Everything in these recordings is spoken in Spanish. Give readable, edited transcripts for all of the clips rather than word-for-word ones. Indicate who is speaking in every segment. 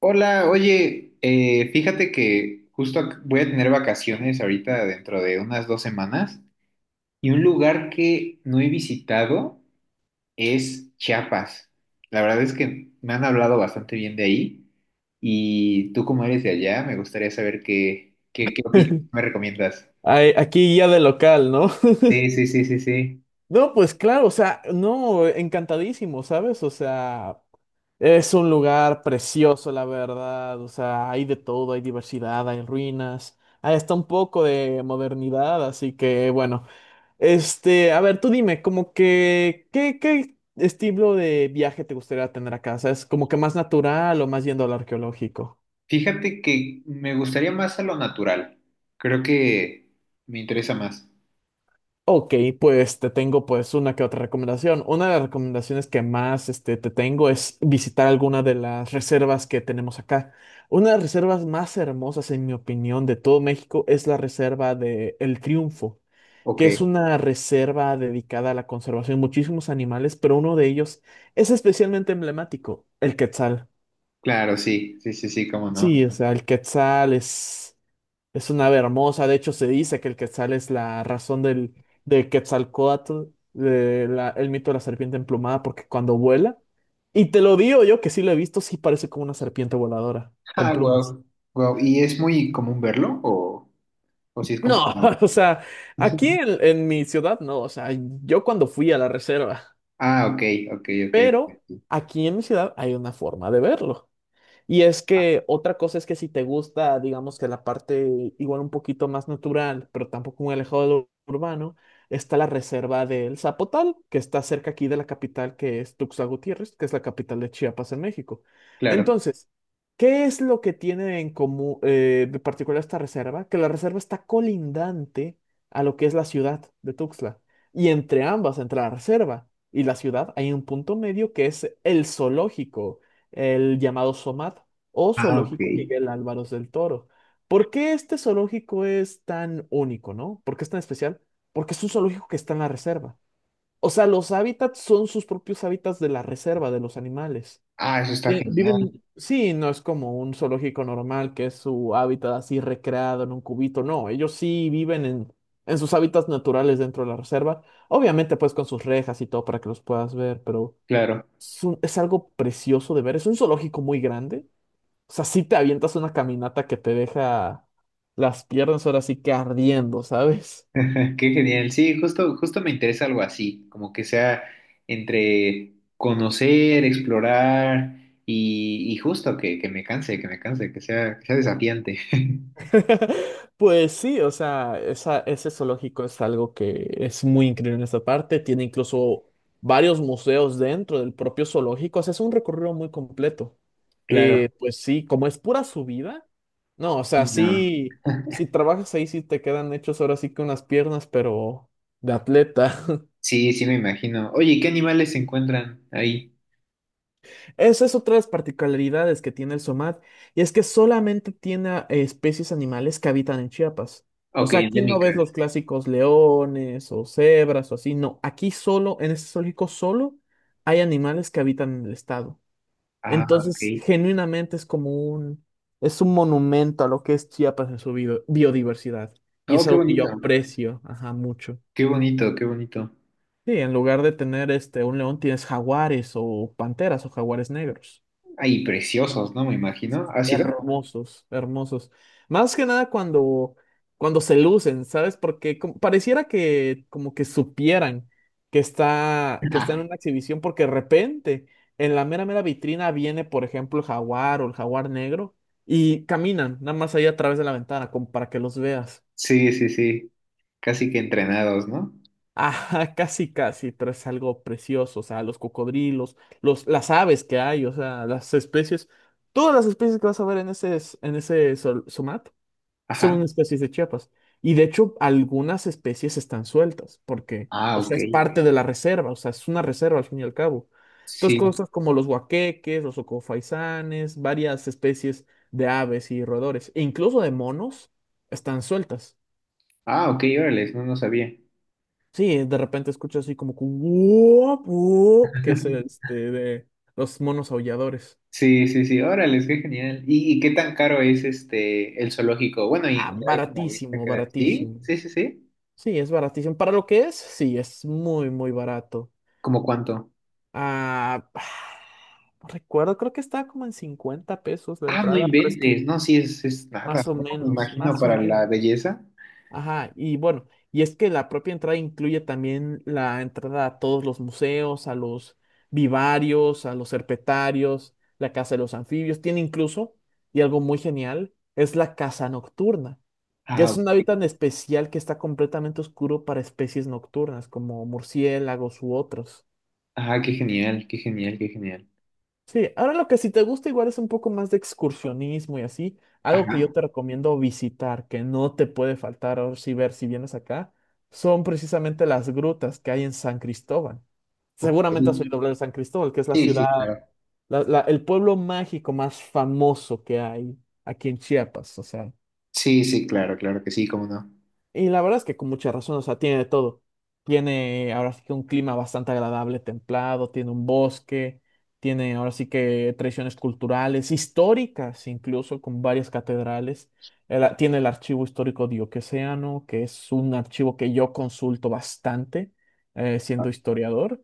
Speaker 1: Hola, oye, fíjate que justo voy a tener vacaciones ahorita dentro de unas dos semanas y un lugar que no he visitado es Chiapas. La verdad es que me han hablado bastante bien de ahí y tú como eres de allá, me gustaría saber qué opinas, qué me recomiendas.
Speaker 2: Ay, aquí guía de local, ¿no?
Speaker 1: Sí, sí, sí, sí, sí.
Speaker 2: No, pues claro, o sea, no, encantadísimo, ¿sabes? O sea, es un lugar precioso, la verdad. O sea, hay de todo, hay diversidad, hay ruinas. Ahí está un poco de modernidad, así que bueno. Este, a ver, tú dime, como que, ¿qué estilo de viaje te gustaría tener acá? Es como que más natural o más yendo al arqueológico.
Speaker 1: Fíjate que me gustaría más a lo natural. Creo que me interesa más.
Speaker 2: Ok, pues te tengo pues una que otra recomendación. Una de las recomendaciones que más te tengo es visitar alguna de las reservas que tenemos acá. Una de las reservas más hermosas, en mi opinión, de todo México es la reserva de El Triunfo,
Speaker 1: Ok,
Speaker 2: que es una reserva dedicada a la conservación de muchísimos animales, pero uno de ellos es especialmente emblemático, el quetzal.
Speaker 1: claro, sí, sí, sí, sí, cómo no.
Speaker 2: Sí, o sea, el quetzal es una ave hermosa. De hecho, se dice que el quetzal es la razón de Quetzalcóatl, el mito de la serpiente emplumada, porque cuando vuela, y te lo digo yo que sí lo he visto, sí parece como una serpiente voladora, con
Speaker 1: Ah,
Speaker 2: plumas.
Speaker 1: wow, wow. ¿Y es muy común verlo o si es
Speaker 2: No,
Speaker 1: complicado?
Speaker 2: o sea, aquí en mi ciudad no, o sea, yo cuando fui a la reserva,
Speaker 1: Ah, ok, ok,
Speaker 2: pero
Speaker 1: ok.
Speaker 2: aquí en mi ciudad hay una forma de verlo. Y es
Speaker 1: Ah,
Speaker 2: que otra cosa es que si te gusta, digamos que la parte igual un poquito más natural, pero tampoco muy alejado de lo urbano, está la reserva del Zapotal, que está cerca aquí de la capital, que es Tuxtla Gutiérrez, que es la capital de Chiapas en México.
Speaker 1: claro.
Speaker 2: Entonces, ¿qué es lo que tiene en común, de particular esta reserva? Que la reserva está colindante a lo que es la ciudad de Tuxtla. Y entre ambas, entre la reserva y la ciudad, hay un punto medio que es el zoológico, el llamado SOMAT o
Speaker 1: Ah, ok.
Speaker 2: Zoológico Miguel Álvarez del Toro. ¿Por qué este zoológico es tan único, no? ¿Por qué es tan especial? Porque es un zoológico que está en la reserva. O sea, los hábitats son sus propios hábitats de la reserva de los animales.
Speaker 1: Ah, eso está
Speaker 2: Vi-
Speaker 1: genial,
Speaker 2: Viven, sí, no es como un zoológico normal que es su hábitat así recreado en un cubito. No, ellos sí viven en sus hábitats naturales dentro de la reserva, obviamente pues con sus rejas y todo para que los puedas ver, pero
Speaker 1: claro.
Speaker 2: es algo precioso de ver. Es un zoológico muy grande. O sea, sí te avientas una caminata que te deja las piernas ahora sí que ardiendo, ¿sabes?
Speaker 1: Qué genial. Sí, justo, justo me interesa algo así, como que sea entre conocer, explorar y justo que me canse, que me canse, que sea desafiante.
Speaker 2: Pues sí, o sea, ese zoológico es algo que es muy increíble en esta parte. Tiene incluso varios museos dentro del propio zoológico. O sea, es un recorrido muy completo.
Speaker 1: Claro.
Speaker 2: Pues sí, como es pura subida, no, o sea,
Speaker 1: Y no.
Speaker 2: sí, si trabajas ahí, sí te quedan hechos ahora sí que unas piernas, pero de atleta.
Speaker 1: Sí, sí, me imagino. Oye, ¿y qué animales se encuentran ahí?
Speaker 2: Esa es otra de las particularidades que tiene el SOMAT, y es que solamente tiene especies animales que habitan en Chiapas. O
Speaker 1: Ok,
Speaker 2: sea, aquí no ves los
Speaker 1: endémicas.
Speaker 2: clásicos leones o cebras o así, no. Aquí solo, en este zoológico solo, hay animales que habitan en el estado.
Speaker 1: Ah,
Speaker 2: Entonces,
Speaker 1: ok.
Speaker 2: genuinamente es un monumento a lo que es Chiapas en su biodiversidad. Y
Speaker 1: Oh,
Speaker 2: es
Speaker 1: qué
Speaker 2: algo que yo
Speaker 1: bonito.
Speaker 2: aprecio, ajá, mucho.
Speaker 1: Qué bonito, qué bonito.
Speaker 2: Sí, en lugar de tener un león, tienes jaguares o panteras o jaguares negros.
Speaker 1: Ay, preciosos, ¿no? Me imagino. ¿Ha sido?
Speaker 2: Hermosos, hermosos. Más que nada cuando se lucen, ¿sabes? Porque pareciera que como que supieran que está en una exhibición, porque de repente en la mera mera vitrina viene, por ejemplo, el jaguar o el jaguar negro, y caminan nada más ahí a través de la ventana como para que los veas.
Speaker 1: Sí, sí, sí. Casi que entrenados, ¿no?
Speaker 2: Ajá, casi, casi, pero es algo precioso. O sea, los cocodrilos, las aves que hay, o sea, las especies, todas las especies que vas a ver en ese Somat
Speaker 1: Ajá.
Speaker 2: son especies de Chiapas. Y de hecho, algunas especies están sueltas, porque,
Speaker 1: Ah,
Speaker 2: o
Speaker 1: ok.
Speaker 2: sea, es parte de la reserva, o sea, es una reserva al fin y al cabo. Entonces,
Speaker 1: Sí.
Speaker 2: cosas como los huaqueques, los ocofaisanes, varias especies de aves y roedores, e incluso de monos, están sueltas.
Speaker 1: Ah, ok, órale, no, no sabía.
Speaker 2: Sí, de repente escuchas así como que "Guop, guop", que es este de los monos aulladores.
Speaker 1: Sí, sí, sí, órale, qué genial. Y qué tan caro es este el zoológico? Bueno, y en
Speaker 2: Ah,
Speaker 1: general, como viste a
Speaker 2: baratísimo,
Speaker 1: quedar. Sí,
Speaker 2: baratísimo.
Speaker 1: sí, sí, sí.
Speaker 2: Sí, es baratísimo. Para lo que es, sí, es muy, muy barato.
Speaker 1: ¿Cómo cuánto?
Speaker 2: Ah, no recuerdo, creo que estaba como en 50 pesos la
Speaker 1: Ah, no
Speaker 2: entrada, pero es que
Speaker 1: inventes, no, sí, es nada,
Speaker 2: más o
Speaker 1: ¿no? Me
Speaker 2: menos,
Speaker 1: imagino
Speaker 2: más o
Speaker 1: para
Speaker 2: menos.
Speaker 1: la belleza.
Speaker 2: Ajá, y bueno, y es que la propia entrada incluye también la entrada a todos los museos, a los vivarios, a los herpetarios, la casa de los anfibios. Tiene incluso, y algo muy genial, es la casa nocturna, que
Speaker 1: Ah,
Speaker 2: es
Speaker 1: ok.
Speaker 2: un hábitat especial que está completamente oscuro para especies nocturnas, como murciélagos u otros.
Speaker 1: Ah, qué genial, qué genial, qué genial.
Speaker 2: Sí, ahora lo que si te gusta igual es un poco más de excursionismo y así, algo que yo
Speaker 1: Ajá.
Speaker 2: te recomiendo visitar, que no te puede faltar ahora sí ver si vienes acá, son precisamente las grutas que hay en San Cristóbal.
Speaker 1: Ok.
Speaker 2: Seguramente has oído hablar de San Cristóbal, que es la
Speaker 1: Sí, sí,
Speaker 2: ciudad,
Speaker 1: claro.
Speaker 2: el pueblo mágico más famoso que hay aquí en Chiapas, o sea.
Speaker 1: Sí, sí, claro, claro que sí, cómo no.
Speaker 2: Y la verdad es que con mucha razón, o sea, tiene de todo. Tiene ahora sí que un clima bastante agradable, templado, tiene un bosque, tiene ahora sí que tradiciones culturales, históricas incluso, con varias catedrales. Tiene el archivo histórico diocesano, que es un archivo que yo consulto bastante, siendo historiador.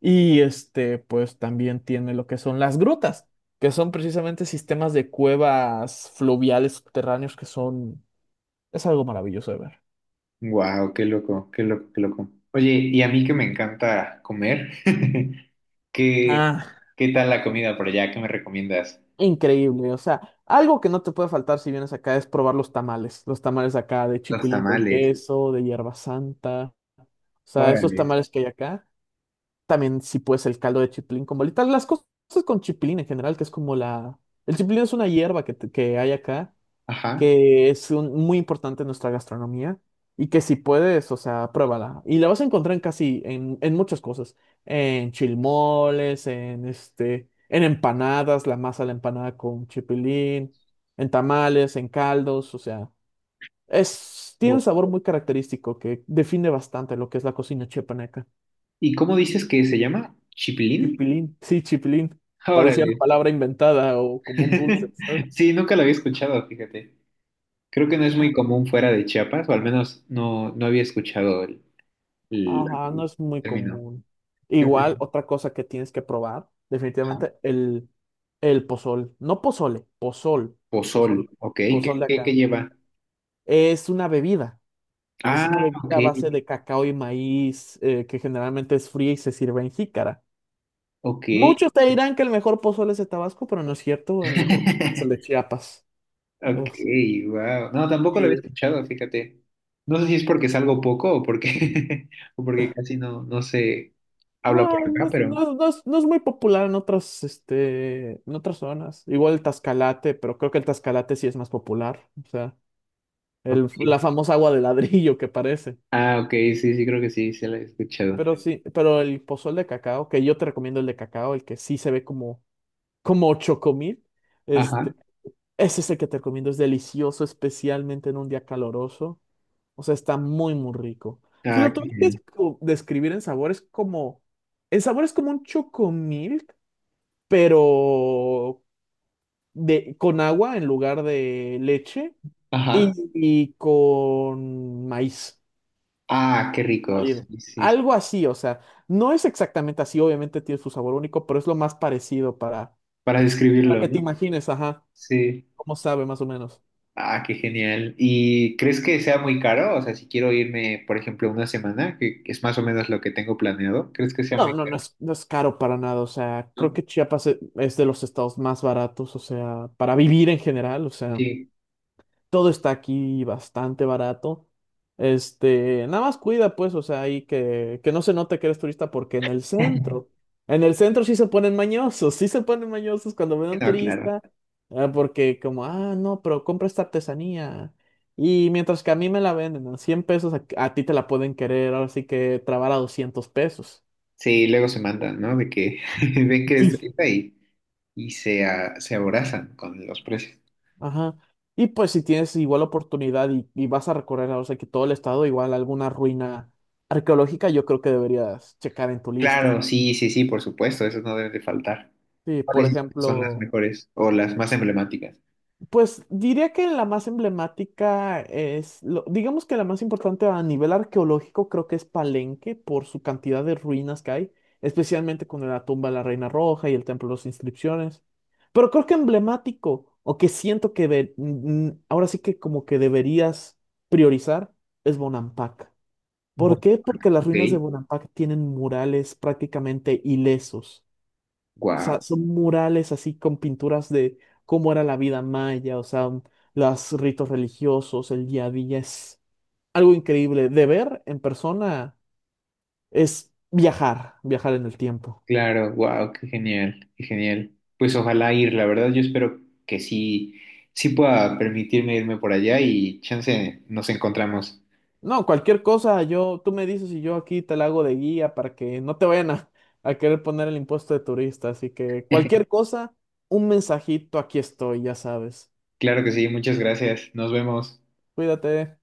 Speaker 2: Y pues también tiene lo que son las grutas, que son precisamente sistemas de cuevas fluviales subterráneos, que son, es algo maravilloso de ver.
Speaker 1: Wow, qué loco, qué loco, qué loco. Oye, y a mí que me encanta comer, ¿qué,
Speaker 2: Ah,
Speaker 1: qué tal la comida por allá? ¿Qué me recomiendas?
Speaker 2: increíble. O sea, algo que no te puede faltar si vienes acá es probar los tamales. Los tamales acá de
Speaker 1: Los
Speaker 2: chipilín con
Speaker 1: tamales,
Speaker 2: queso, de hierba santa. O sea, esos
Speaker 1: órale.
Speaker 2: tamales que hay acá. También, si puedes, el caldo de chipilín con bolita. Las cosas con chipilín en general, que es como la. El chipilín es una hierba que hay acá,
Speaker 1: Ajá.
Speaker 2: que es muy importante en nuestra gastronomía, y que, si puedes, o sea, pruébala. Y la vas a encontrar en casi, en muchas cosas, en chilmoles, en en empanadas, la masa de la empanada con chipilín, en tamales, en caldos, o sea, es, tiene un
Speaker 1: Guau.
Speaker 2: sabor muy característico que define bastante lo que es la cocina chiapaneca.
Speaker 1: ¿Y cómo dices que se llama? ¿Chipilín?
Speaker 2: Chipilín, sí, chipilín. Parecía una
Speaker 1: Órale.
Speaker 2: palabra inventada o como un dulce, ¿sabes?
Speaker 1: Sí, nunca lo había escuchado, fíjate. Creo que no es muy común fuera de Chiapas, o al menos no, no había escuchado el
Speaker 2: Ajá, no es muy
Speaker 1: término.
Speaker 2: común.
Speaker 1: Creo que-
Speaker 2: Igual, otra cosa que tienes que probar,
Speaker 1: ajá.
Speaker 2: definitivamente, el, pozol. No pozole, pozol.
Speaker 1: Pozol,
Speaker 2: Pozol,
Speaker 1: ok. ¿Qué,
Speaker 2: pozol de
Speaker 1: qué, qué
Speaker 2: acá.
Speaker 1: lleva?
Speaker 2: Es una bebida. Es
Speaker 1: Ah,
Speaker 2: una
Speaker 1: ok,
Speaker 2: bebida a base de cacao y maíz, que generalmente es fría y se sirve en jícara.
Speaker 1: ok.
Speaker 2: Muchos te dirán que el mejor pozole es de Tabasco, pero no es cierto. El mejor es el de Chiapas.
Speaker 1: Ok,
Speaker 2: Es-
Speaker 1: wow. No, tampoco lo había escuchado, fíjate. No sé si es porque salgo poco o porque, o porque casi no, no se habla
Speaker 2: No,
Speaker 1: por
Speaker 2: no,
Speaker 1: acá, pero.
Speaker 2: no es muy popular en otras, zonas. Igual el Tascalate, pero creo que el Tascalate sí es más popular. O sea, el,
Speaker 1: Ok.
Speaker 2: la famosa agua de ladrillo que parece.
Speaker 1: Ah, ok, sí, sí, creo que sí, se lo he escuchado.
Speaker 2: Pero sí, pero el pozol de cacao, que yo te recomiendo el de cacao, el que sí se ve como chocomil,
Speaker 1: Ajá.
Speaker 2: este, ese es el que te recomiendo, es delicioso, especialmente en un día caloroso. O sea, está muy, muy rico. Si
Speaker 1: Ah,
Speaker 2: lo
Speaker 1: qué
Speaker 2: tuvieras
Speaker 1: genial.
Speaker 2: que describir en sabor, es como, el sabor es como un chocomil, pero con agua en lugar de leche, y,
Speaker 1: Ajá.
Speaker 2: y con maíz
Speaker 1: Ah, qué rico.
Speaker 2: molido.
Speaker 1: Sí, sí. Sí.
Speaker 2: Algo así, o sea, no es exactamente así, obviamente tiene su sabor único, pero es lo más parecido para,
Speaker 1: Para
Speaker 2: para
Speaker 1: describirlo,
Speaker 2: que te
Speaker 1: ¿no?
Speaker 2: imagines, ajá,
Speaker 1: Sí.
Speaker 2: cómo sabe más o menos.
Speaker 1: Ah, qué genial. ¿Y crees que sea muy caro? O sea, si quiero irme, por ejemplo, una semana, que es más o menos lo que tengo planeado, ¿crees que sea
Speaker 2: No,
Speaker 1: muy
Speaker 2: no, no
Speaker 1: caro?
Speaker 2: es, no es caro para nada, o sea, creo
Speaker 1: ¿No?
Speaker 2: que Chiapas es de los estados más baratos, o sea, para vivir en general, o sea.
Speaker 1: Sí.
Speaker 2: Todo está aquí bastante barato. Nada más cuida, pues, o sea, ahí que no se note que eres turista, porque en el centro sí se ponen mañosos, sí se ponen mañosos cuando ven a
Speaker 1: Sí,
Speaker 2: un
Speaker 1: no, claro.
Speaker 2: turista. Ah, porque como, ah, no, pero compra esta artesanía. Y mientras que a mí me la venden a 100 pesos, a ti te la pueden querer, ahora sí que trabar, a 200 pesos.
Speaker 1: Sí, luego se mandan, ¿no? De que ven que
Speaker 2: Sí.
Speaker 1: destruida y, y se aborazan con los precios.
Speaker 2: Ajá. Y pues si tienes igual oportunidad, y vas a recorrer, o sea, que todo el estado, igual alguna ruina arqueológica, yo creo que deberías checar en tu lista.
Speaker 1: Claro, sí, sí, sí, por supuesto, esos no deben de faltar.
Speaker 2: Sí, por
Speaker 1: ¿Cuáles son las
Speaker 2: ejemplo.
Speaker 1: mejores o las más emblemáticas?
Speaker 2: Pues diría que la más emblemática es, digamos que la más importante a nivel arqueológico creo que es Palenque, por su cantidad de ruinas que hay, especialmente con la tumba de la Reina Roja y el Templo de las Inscripciones. Pero creo que emblemático, o que siento que ahora sí que como que deberías priorizar, es Bonampak. ¿Por
Speaker 1: Bueno,
Speaker 2: qué? Porque las
Speaker 1: ok.
Speaker 2: ruinas de Bonampak tienen murales prácticamente ilesos. O sea,
Speaker 1: Wow,
Speaker 2: son murales así con pinturas de cómo era la vida maya, o sea, los ritos religiosos, el día a día. Es algo increíble. De ver en persona, es viajar, viajar en el tiempo.
Speaker 1: claro, wow, qué genial, qué genial. Pues ojalá ir, la verdad, yo espero que sí, sí pueda permitirme irme por allá y chance nos encontramos.
Speaker 2: No, cualquier cosa, tú me dices y yo aquí te la hago de guía para que no te vayan a querer poner el impuesto de turista. Así que cualquier cosa, un mensajito, aquí estoy, ya sabes.
Speaker 1: Claro que sí, muchas gracias. Nos vemos.
Speaker 2: Cuídate.